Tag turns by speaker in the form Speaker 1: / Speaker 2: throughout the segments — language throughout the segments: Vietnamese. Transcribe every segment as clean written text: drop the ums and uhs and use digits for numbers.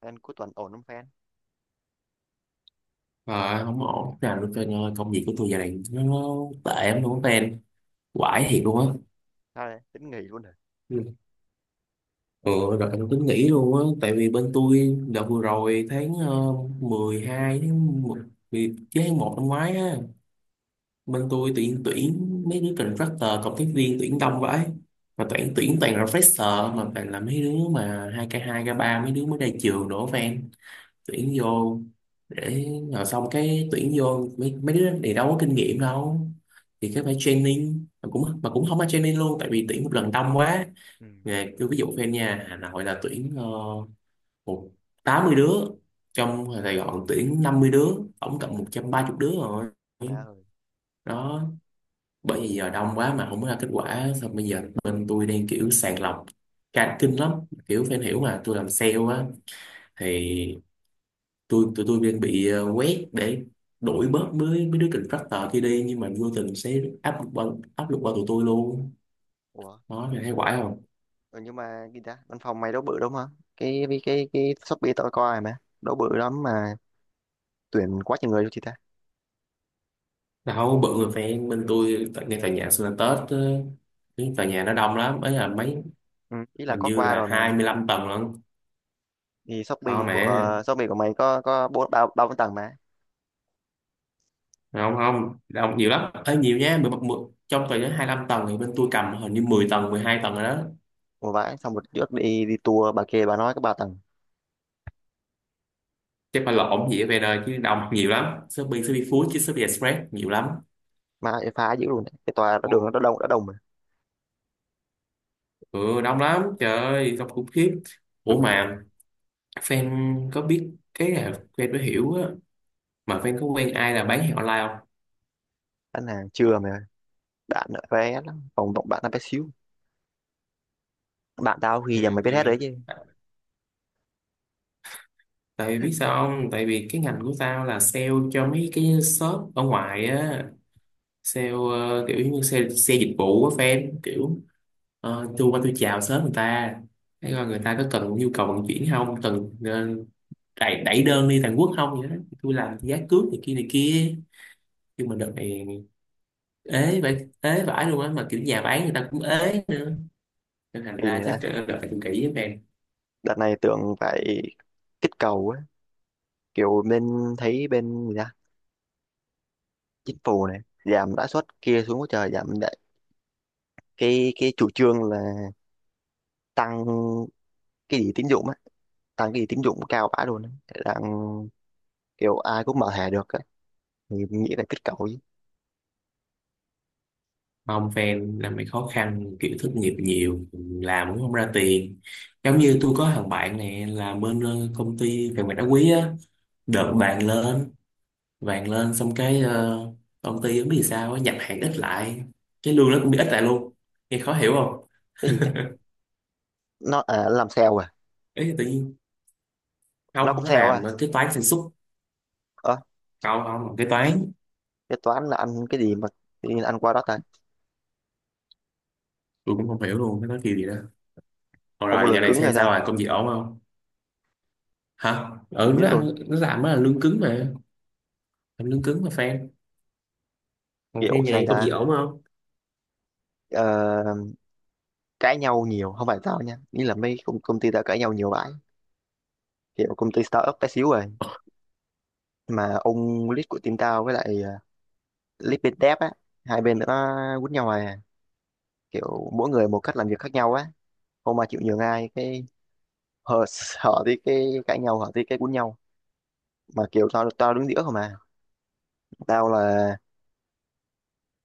Speaker 1: Fan, cuối tuần ổn không fan?
Speaker 2: Mà không có ổn nào được trên ơi, công việc của tôi giờ này nó tệ lắm luôn á tên, quải thiệt luôn á.
Speaker 1: Ra đây tính nghỉ luôn rồi.
Speaker 2: Ừ. Ừ, rồi em tính nghỉ luôn á tại vì bên tôi đợt vừa rồi tháng 12, tháng 10, chứ tháng một năm ngoái á, bên tôi tuyển tuyển mấy đứa contractor cộng tác viên tuyển đông vậy, mà tuyển tuyển toàn là fresher, mà toàn là mấy đứa mà hai k ba, mấy đứa mới ra trường đổ fan, tuyển vô để, rồi xong cái tuyển vô mấy đứa này đâu có kinh nghiệm đâu thì cái phải training mà cũng không có training luôn tại vì tuyển một lần đông quá.
Speaker 1: Ừ.
Speaker 2: Nè cứ ví dụ fan nha, Hà Nội là tuyển một 80 đứa, trong Sài Gòn tuyển 50 đứa, tổng cộng
Speaker 1: À,
Speaker 2: 130 đứa rồi
Speaker 1: má ơi.
Speaker 2: đó. Bởi vì giờ đông quá mà không có ra kết quả, xong bây giờ bên tôi đang kiểu sàng lọc cả kinh lắm, kiểu fan hiểu mà, tôi làm sale á, thì tụi tôi đang bị quét để đuổi bớt mấy mấy đứa contractor kia đi, nhưng mà vô tình sẽ áp lực qua, áp lực qua tụi tôi luôn.
Speaker 1: Ủa
Speaker 2: Đó mày thấy quải không?
Speaker 1: ừ, nhưng mà gì ta, văn phòng mày đâu bự đâu mà. Cái Shopee tao coi rồi mà đâu bự lắm mà, tuyển quá trời người luôn chị ta.
Speaker 2: Đâu bự, người fan bên tôi ngay tòa nhà sinh là Tết cái tòa nhà nó đông lắm ấy, là mấy,
Speaker 1: Ừ, ý là
Speaker 2: hình
Speaker 1: có
Speaker 2: như
Speaker 1: qua
Speaker 2: là
Speaker 1: rồi
Speaker 2: hai
Speaker 1: mà.
Speaker 2: mươi lăm tầng lận,
Speaker 1: Thì
Speaker 2: to mẹ.
Speaker 1: Shopee của mày có có ba ba bốn tầng mà.
Speaker 2: Không không, đông nhiều lắm ấy, nhiều nha. Mười, trong tòa nhà 25 tầng thì bên tôi cầm hình như 10 tầng, 12 tầng rồi đó.
Speaker 1: Ủa vãi, xong một trước đi đi tour bà kia bà nói cái ba tầng
Speaker 2: Chắc phải lộn gì ở về đời chứ đông nhiều lắm, Shopee, Shopee Food, chứ Shopee Express nhiều lắm.
Speaker 1: mà phá dữ luôn đấy, cái tòa nó đường nó đã đông mà.
Speaker 2: Ừ đông lắm, trời ơi đông khủng khiếp. Ủa mà fan có biết cái là, fan mới hiểu á, mà fan có quen ai là bán hàng online không?
Speaker 1: Anh hàng chưa mà, bạn vé lắm phòng, bạn bạn nó bé xíu. Bạn tao khi giờ mày
Speaker 2: Ừ,
Speaker 1: biết
Speaker 2: tại
Speaker 1: hết
Speaker 2: vì
Speaker 1: rồi chứ.
Speaker 2: tại vì biết sao không, tại vì cái ngành của tao là sale cho mấy cái shop ở ngoài á, sale kiểu như xe xe dịch vụ á fan, kiểu tôi qua tôi chào sớm người ta, thấy coi người ta có cần nhu cầu vận chuyển không, cần đẩy đơn đi Hàn Quốc không vậy đó, tôi làm giá cước này kia này kia. Nhưng mà đợt này ế vậy, ế vãi luôn á, mà kiểu nhà bán người ta cũng ế nữa nên thành
Speaker 1: Kỳ.
Speaker 2: ra chắc là phải cũng kỹ với fan.
Speaker 1: Đợt này tưởng phải kích cầu ấy, kiểu bên, thấy bên gì ta, chính phủ này giảm lãi suất kia xuống quá trời giảm lại. Cái chủ trương là tăng cái gì tín dụng á, tăng cái gì tín dụng cao bã luôn á, đang kiểu ai cũng mở thẻ được á, thì nghĩ là kích cầu chứ.
Speaker 2: Không fan, là mày khó khăn, kiểu thất nghiệp nhiều, làm cũng không ra tiền. Giống như tôi có thằng bạn này là bên công ty về mặt đá quý á, đợt vàng lên, vàng lên xong cái công ty không biết vì sao á, nhập hàng ít lại, cái lương nó cũng bị ít lại luôn, nghe khó hiểu không?
Speaker 1: Cái gì ấy, nó à, làm sale à?
Speaker 2: Ấy tự nhiên,
Speaker 1: Nó
Speaker 2: không
Speaker 1: cũng
Speaker 2: nó
Speaker 1: sale
Speaker 2: làm
Speaker 1: à?
Speaker 2: cái toán sản xuất.
Speaker 1: Ờ,
Speaker 2: Không không cái toán,
Speaker 1: cái toán là ăn cái gì mà tự nhiên ăn qua đó ta?
Speaker 2: tôi cũng không hiểu luôn, nó nói kiểu gì đó.
Speaker 1: Không có
Speaker 2: Rồi giờ
Speaker 1: lường
Speaker 2: này
Speaker 1: cứng hay
Speaker 2: xem sao,
Speaker 1: sao?
Speaker 2: rồi công việc ổn không? Hả ừ,
Speaker 1: Không biết
Speaker 2: nó
Speaker 1: luôn á.
Speaker 2: ăn nó làm, nó là lương cứng mà, làm lương cứng mà fan. Còn
Speaker 1: Kiểu
Speaker 2: fan nhà
Speaker 1: sao
Speaker 2: này công việc
Speaker 1: ta?
Speaker 2: ổn không?
Speaker 1: ờ, Cãi nhau nhiều, không phải tao nha, nghĩ là mấy công, công ty tao cãi nhau nhiều bãi, kiểu công ty startup bé xíu rồi. Nhưng mà ông lead của team tao với lại lead bên dev á, hai bên nó quýnh nhau à, kiểu mỗi người một cách làm việc khác nhau á, không mà chịu nhường ai. Cái hở hở thì cái cãi nhau, hở thì cái quýnh nhau. Mà kiểu tao tao đứng giữa không à. Tao là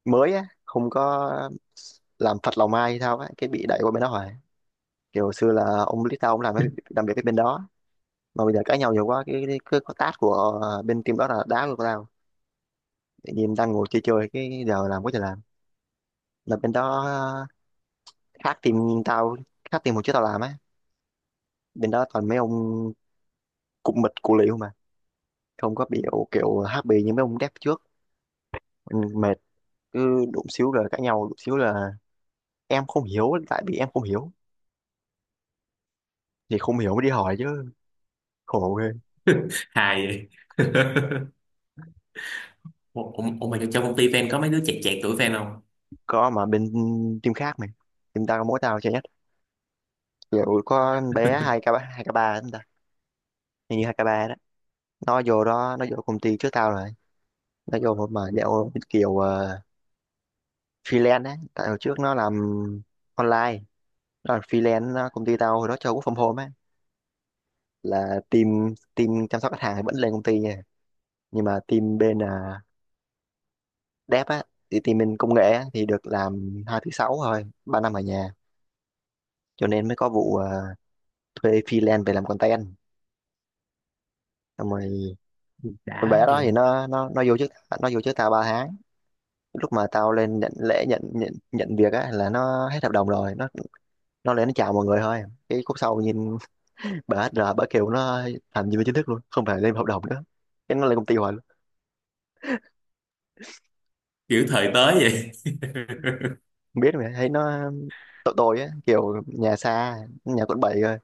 Speaker 1: mới á, không có làm phật lòng ai hay sao á, cái bị đẩy qua bên đó rồi. Kiểu xưa là ông lead tao ông làm cái làm việc cái bên đó, mà bây giờ cãi nhau nhiều quá, cái cái task của bên team đó là đá luôn tao. Tự nhiên đang ngồi chơi chơi cái giờ làm quá trời làm. Là bên đó khác team tao, khác team hồi trước tao làm á. Bên đó toàn mấy ông cụm mịch cụ liễu mà, không có biểu kiểu happy như mấy ông dev trước. Ừ, mệt. Cứ đụng xíu là cãi nhau, đụng xíu là em không hiểu, tại vì em không hiểu thì không hiểu mới đi hỏi chứ. Khổ ghê.
Speaker 2: Hài vậy. ủa, ủa ủa mà trong công ty fan có mấy đứa chẹt chẹt tuổi fan không?
Speaker 1: Có, mà bên team khác mày. Team tao có mỗi tao chơi nhất. Kiểu có bé hai k, hai k ba chúng ta, hình như hai k ba đó. Nó vô đó nó vô công ty trước tao rồi. Nó vô mà dạo kiểu freelance á, tại hồi trước nó làm online đó, là freelance đó. Công ty tao hồi đó cho work from home á, là team team chăm sóc khách hàng thì vẫn lên công ty nha, nhưng mà team bên dev á, thì team bên công nghệ á, thì được làm hai thứ sáu thôi, ba năm ở nhà. Cho nên mới có vụ thuê freelance về làm content. Xong rồi con
Speaker 2: Đã
Speaker 1: bé đó
Speaker 2: vậy.
Speaker 1: thì nó vô trước. Nó vô trước tao ba tháng. Lúc mà tao lên nhận lễ nhận nhận nhận việc á là nó hết hợp đồng rồi, nó lên nó chào mọi người thôi. Cái khúc sau nhìn bà HR bà kêu nó làm nhân viên chính thức luôn, không phải lên hợp đồng nữa. Cái nó lên công ty hoài.
Speaker 2: Kiểu thời tới vậy.
Speaker 1: Không biết, mà thấy nó tội tội á, kiểu nhà xa, nhà quận 7 rồi,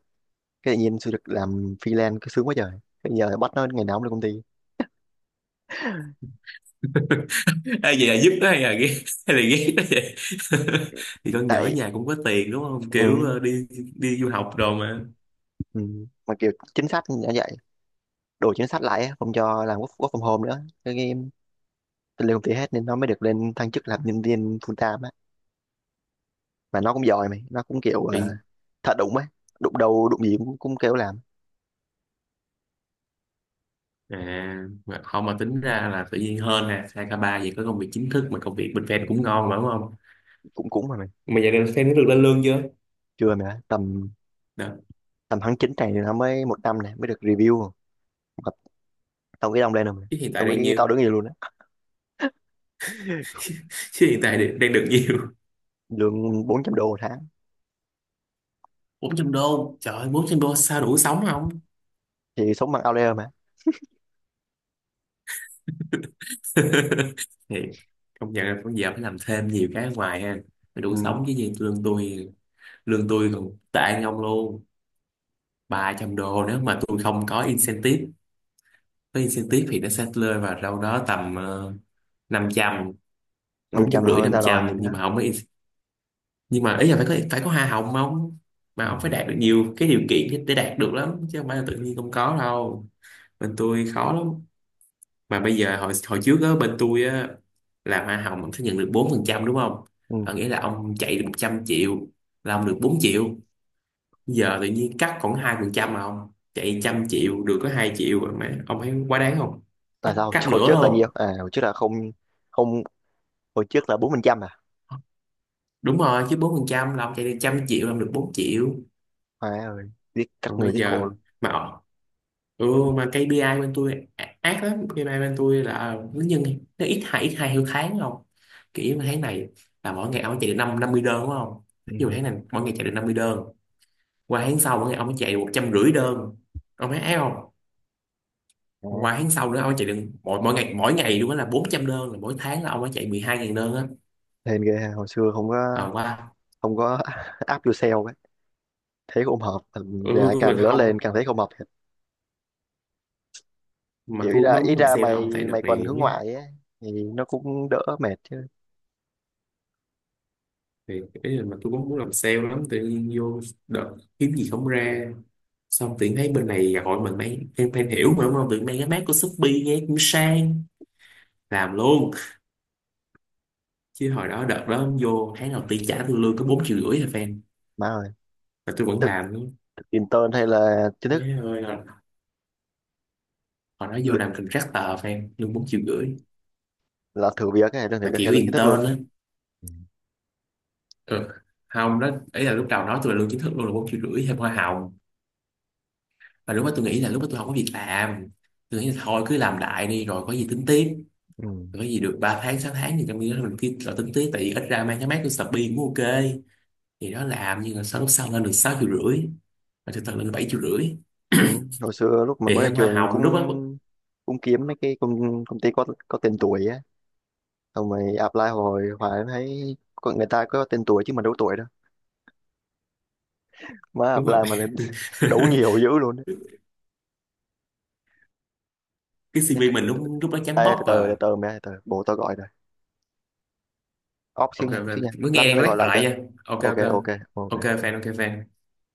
Speaker 1: cái tự nhiên xin được làm freelance cứ sướng quá trời, bây giờ bắt nó ngày nào cũng lên công ty.
Speaker 2: Ai vậy là giúp nó hay là ghét, hay là ghét nó vậy? Thì con nhỏ ở
Speaker 1: Tại
Speaker 2: nhà cũng có tiền đúng không, kiểu
Speaker 1: ừ,
Speaker 2: đi, đi du học rồi mà.
Speaker 1: ừ. Mà kiểu chính sách như vậy, đổi chính sách lại á, không cho làm work, work from home nữa, cái game lên công ty hết, nên nó mới được lên thăng chức làm nhân viên full time á. Mà nó cũng giỏi mày, nó cũng kiểu
Speaker 2: Thì-
Speaker 1: thật đụng ấy, đụng đầu đụng gì cũng kêu làm.
Speaker 2: à mà không, mà tính ra là tự nhiên hơn nè, sang ca ba vậy có công việc chính thức mà, công việc bên fan cũng ngon mà đúng không?
Speaker 1: Cũng cũng mà mày.
Speaker 2: Mà giờ này fan nó được lên lương chưa?
Speaker 1: Chưa, mà tầm
Speaker 2: Đó.
Speaker 1: tầm tháng 9 này nó mới một năm, này mới được review. Mà tao nghĩ đông lên rồi mày,
Speaker 2: Chứ hiện tại
Speaker 1: tao
Speaker 2: đang
Speaker 1: nghĩ
Speaker 2: nhiêu,
Speaker 1: tao đứng gì luôn á.
Speaker 2: chứ hiện tại đang được nhiều?
Speaker 1: Lương 400 đô một tháng.
Speaker 2: Bốn trăm đô, trời ơi, 400 đô sao đủ sống không?
Speaker 1: Thì sống bằng outlier mà.
Speaker 2: Thì công nhận là bây giờ phải làm thêm nhiều cái ở ngoài ha mới đủ
Speaker 1: Ừ.
Speaker 2: sống chứ gì. Lương tôi, lương tôi còn tệ hơn ông luôn, 300 đô. Nếu mà tôi không có incentive, có incentive thì nó sẽ rơi vào đâu đó tầm 500,
Speaker 1: Năm
Speaker 2: bốn trăm
Speaker 1: trăm là hơn
Speaker 2: rưỡi
Speaker 1: người
Speaker 2: năm
Speaker 1: ta rồi
Speaker 2: trăm
Speaker 1: nhìn đó.
Speaker 2: Nhưng mà không có nhưng mà ý là phải có, phải có hoa hồng không, mà
Speaker 1: Ừ.
Speaker 2: ông phải đạt được nhiều cái điều kiện để đạt được lắm chứ không phải là tự nhiên không có đâu, bên tôi khó lắm. Mà bây giờ hồi hồi trước á bên tôi á là hoa hồng ông sẽ nhận được 4% đúng không?
Speaker 1: Ừ.
Speaker 2: Ờ, nghĩa là ông chạy được 100 triệu là ông được 4 triệu. Giờ tự nhiên cắt còn 2%, mà ông chạy 100 triệu được có 2 triệu rồi, mà ông thấy quá đáng không?
Speaker 1: Tại
Speaker 2: cắt
Speaker 1: sao
Speaker 2: cắt
Speaker 1: hồi
Speaker 2: nửa
Speaker 1: trước là nhiêu
Speaker 2: luôn.
Speaker 1: à, hồi trước là không? Không. Hồi trước là 4% à?
Speaker 2: Đúng rồi, chứ 4% là ông chạy được 100 triệu là ông được 4 triệu.
Speaker 1: Má ơi, giết các
Speaker 2: Còn
Speaker 1: người,
Speaker 2: bây
Speaker 1: giết cổ
Speaker 2: giờ
Speaker 1: luôn.
Speaker 2: mà, ừ, mà KPI bên tôi ác lắm. KPI bên tôi là nó nhân, nó ít hai theo tháng không. Kiểu mà tháng này là mỗi ngày ông chạy được năm 50 đơn đúng không? Ví
Speaker 1: Ừ.
Speaker 2: dụ tháng này mỗi ngày chạy được 50 đơn, qua tháng sau mỗi ngày ông chạy được 150 đơn, ông thấy ác không? Qua
Speaker 1: Đấy.
Speaker 2: tháng sau nữa ông chạy được mỗi mỗi ngày luôn á là 400 đơn, là mỗi tháng là ông phải chạy 12 ngàn đơn á.
Speaker 1: Hên ghê ha, hồi xưa không
Speaker 2: À
Speaker 1: có.
Speaker 2: qua,
Speaker 1: Không có. Áp yourself ấy. Thấy không hợp,
Speaker 2: ừ,
Speaker 1: và
Speaker 2: mà
Speaker 1: càng lớn
Speaker 2: không,
Speaker 1: lên càng thấy không hợp thiệt.
Speaker 2: mà
Speaker 1: Kiểu ý
Speaker 2: tôi
Speaker 1: ra
Speaker 2: mới
Speaker 1: ý
Speaker 2: muốn làm
Speaker 1: ra
Speaker 2: sale đâu ông, tại
Speaker 1: mày
Speaker 2: đợt
Speaker 1: mày còn
Speaker 2: này
Speaker 1: hướng
Speaker 2: mới.
Speaker 1: ngoại ấy thì nó cũng đỡ mệt chứ.
Speaker 2: Thì cái là mà tôi cũng muốn làm sale lắm, tự nhiên vô đợt kiếm gì không ra, xong tự nhiên thấy bên này gọi mình mấy em, fan hiểu mà đúng không, tự nhiên mấy cái mác của Shopee nghe cũng sang, làm luôn. Chứ hồi đó đợt đó vô tháng đầu tiên trả tôi lương có 4,5 triệu thôi fan,
Speaker 1: Má ơi.
Speaker 2: mà tôi vẫn
Speaker 1: Thực,
Speaker 2: làm luôn.
Speaker 1: thực intern hay là chính thức?
Speaker 2: Thế ơi, hồi hồi đó vô
Speaker 1: Lự-
Speaker 2: làm contractor fan lương 4,5 triệu,
Speaker 1: là thử việc hay là thử
Speaker 2: là
Speaker 1: việc
Speaker 2: kiểu
Speaker 1: hay là chính thức luôn?
Speaker 2: intern á. Ừ. Không đó ấy, là lúc đầu nói tôi là lương chính thức luôn là 4,5 triệu thêm hoa hồng, và lúc đó tôi nghĩ là, lúc đó tôi không có việc làm, tôi nghĩ là thôi cứ làm đại đi rồi có gì tính tiếp,
Speaker 1: Ừ.
Speaker 2: có gì được 3 tháng 6 tháng gì trong khi đó mình kia lo tính tí, tại vì ít ra mang cái máy của Shopee cũng ok thì nó làm. Nhưng mà sau, lúc sau lên được 6,5 triệu, mà thực sự lên 7,5 triệu
Speaker 1: Ừ. Hồi xưa lúc mà
Speaker 2: thì
Speaker 1: mới ra
Speaker 2: thêm hoa
Speaker 1: trường
Speaker 2: hồng
Speaker 1: cũng
Speaker 2: lúc đó.
Speaker 1: cũng kiếm mấy cái công, công ty có tên tuổi á, xong rồi apply hồi hoài mới thấy, có người ta có tên tuổi chứ mình đâu tuổi đâu. Má
Speaker 2: Đúng
Speaker 1: apply
Speaker 2: rồi
Speaker 1: mà lên đấu nhiều dữ luôn á.
Speaker 2: cái
Speaker 1: Chết
Speaker 2: CV
Speaker 1: rồi.
Speaker 2: mình lúc lúc đó chấm
Speaker 1: Ê,
Speaker 2: bóc
Speaker 1: từ từ từ
Speaker 2: à.
Speaker 1: từ mẹ từ bố tao gọi rồi, off xíu
Speaker 2: Ok
Speaker 1: nha,
Speaker 2: ok,
Speaker 1: off xíu nha,
Speaker 2: mới
Speaker 1: lát
Speaker 2: nghe
Speaker 1: nó
Speaker 2: lát
Speaker 1: gọi
Speaker 2: gọi
Speaker 1: lại
Speaker 2: lại
Speaker 1: cho.
Speaker 2: nha, ok
Speaker 1: Ok
Speaker 2: ok,
Speaker 1: ok. Ok.
Speaker 2: ok fan ok fan.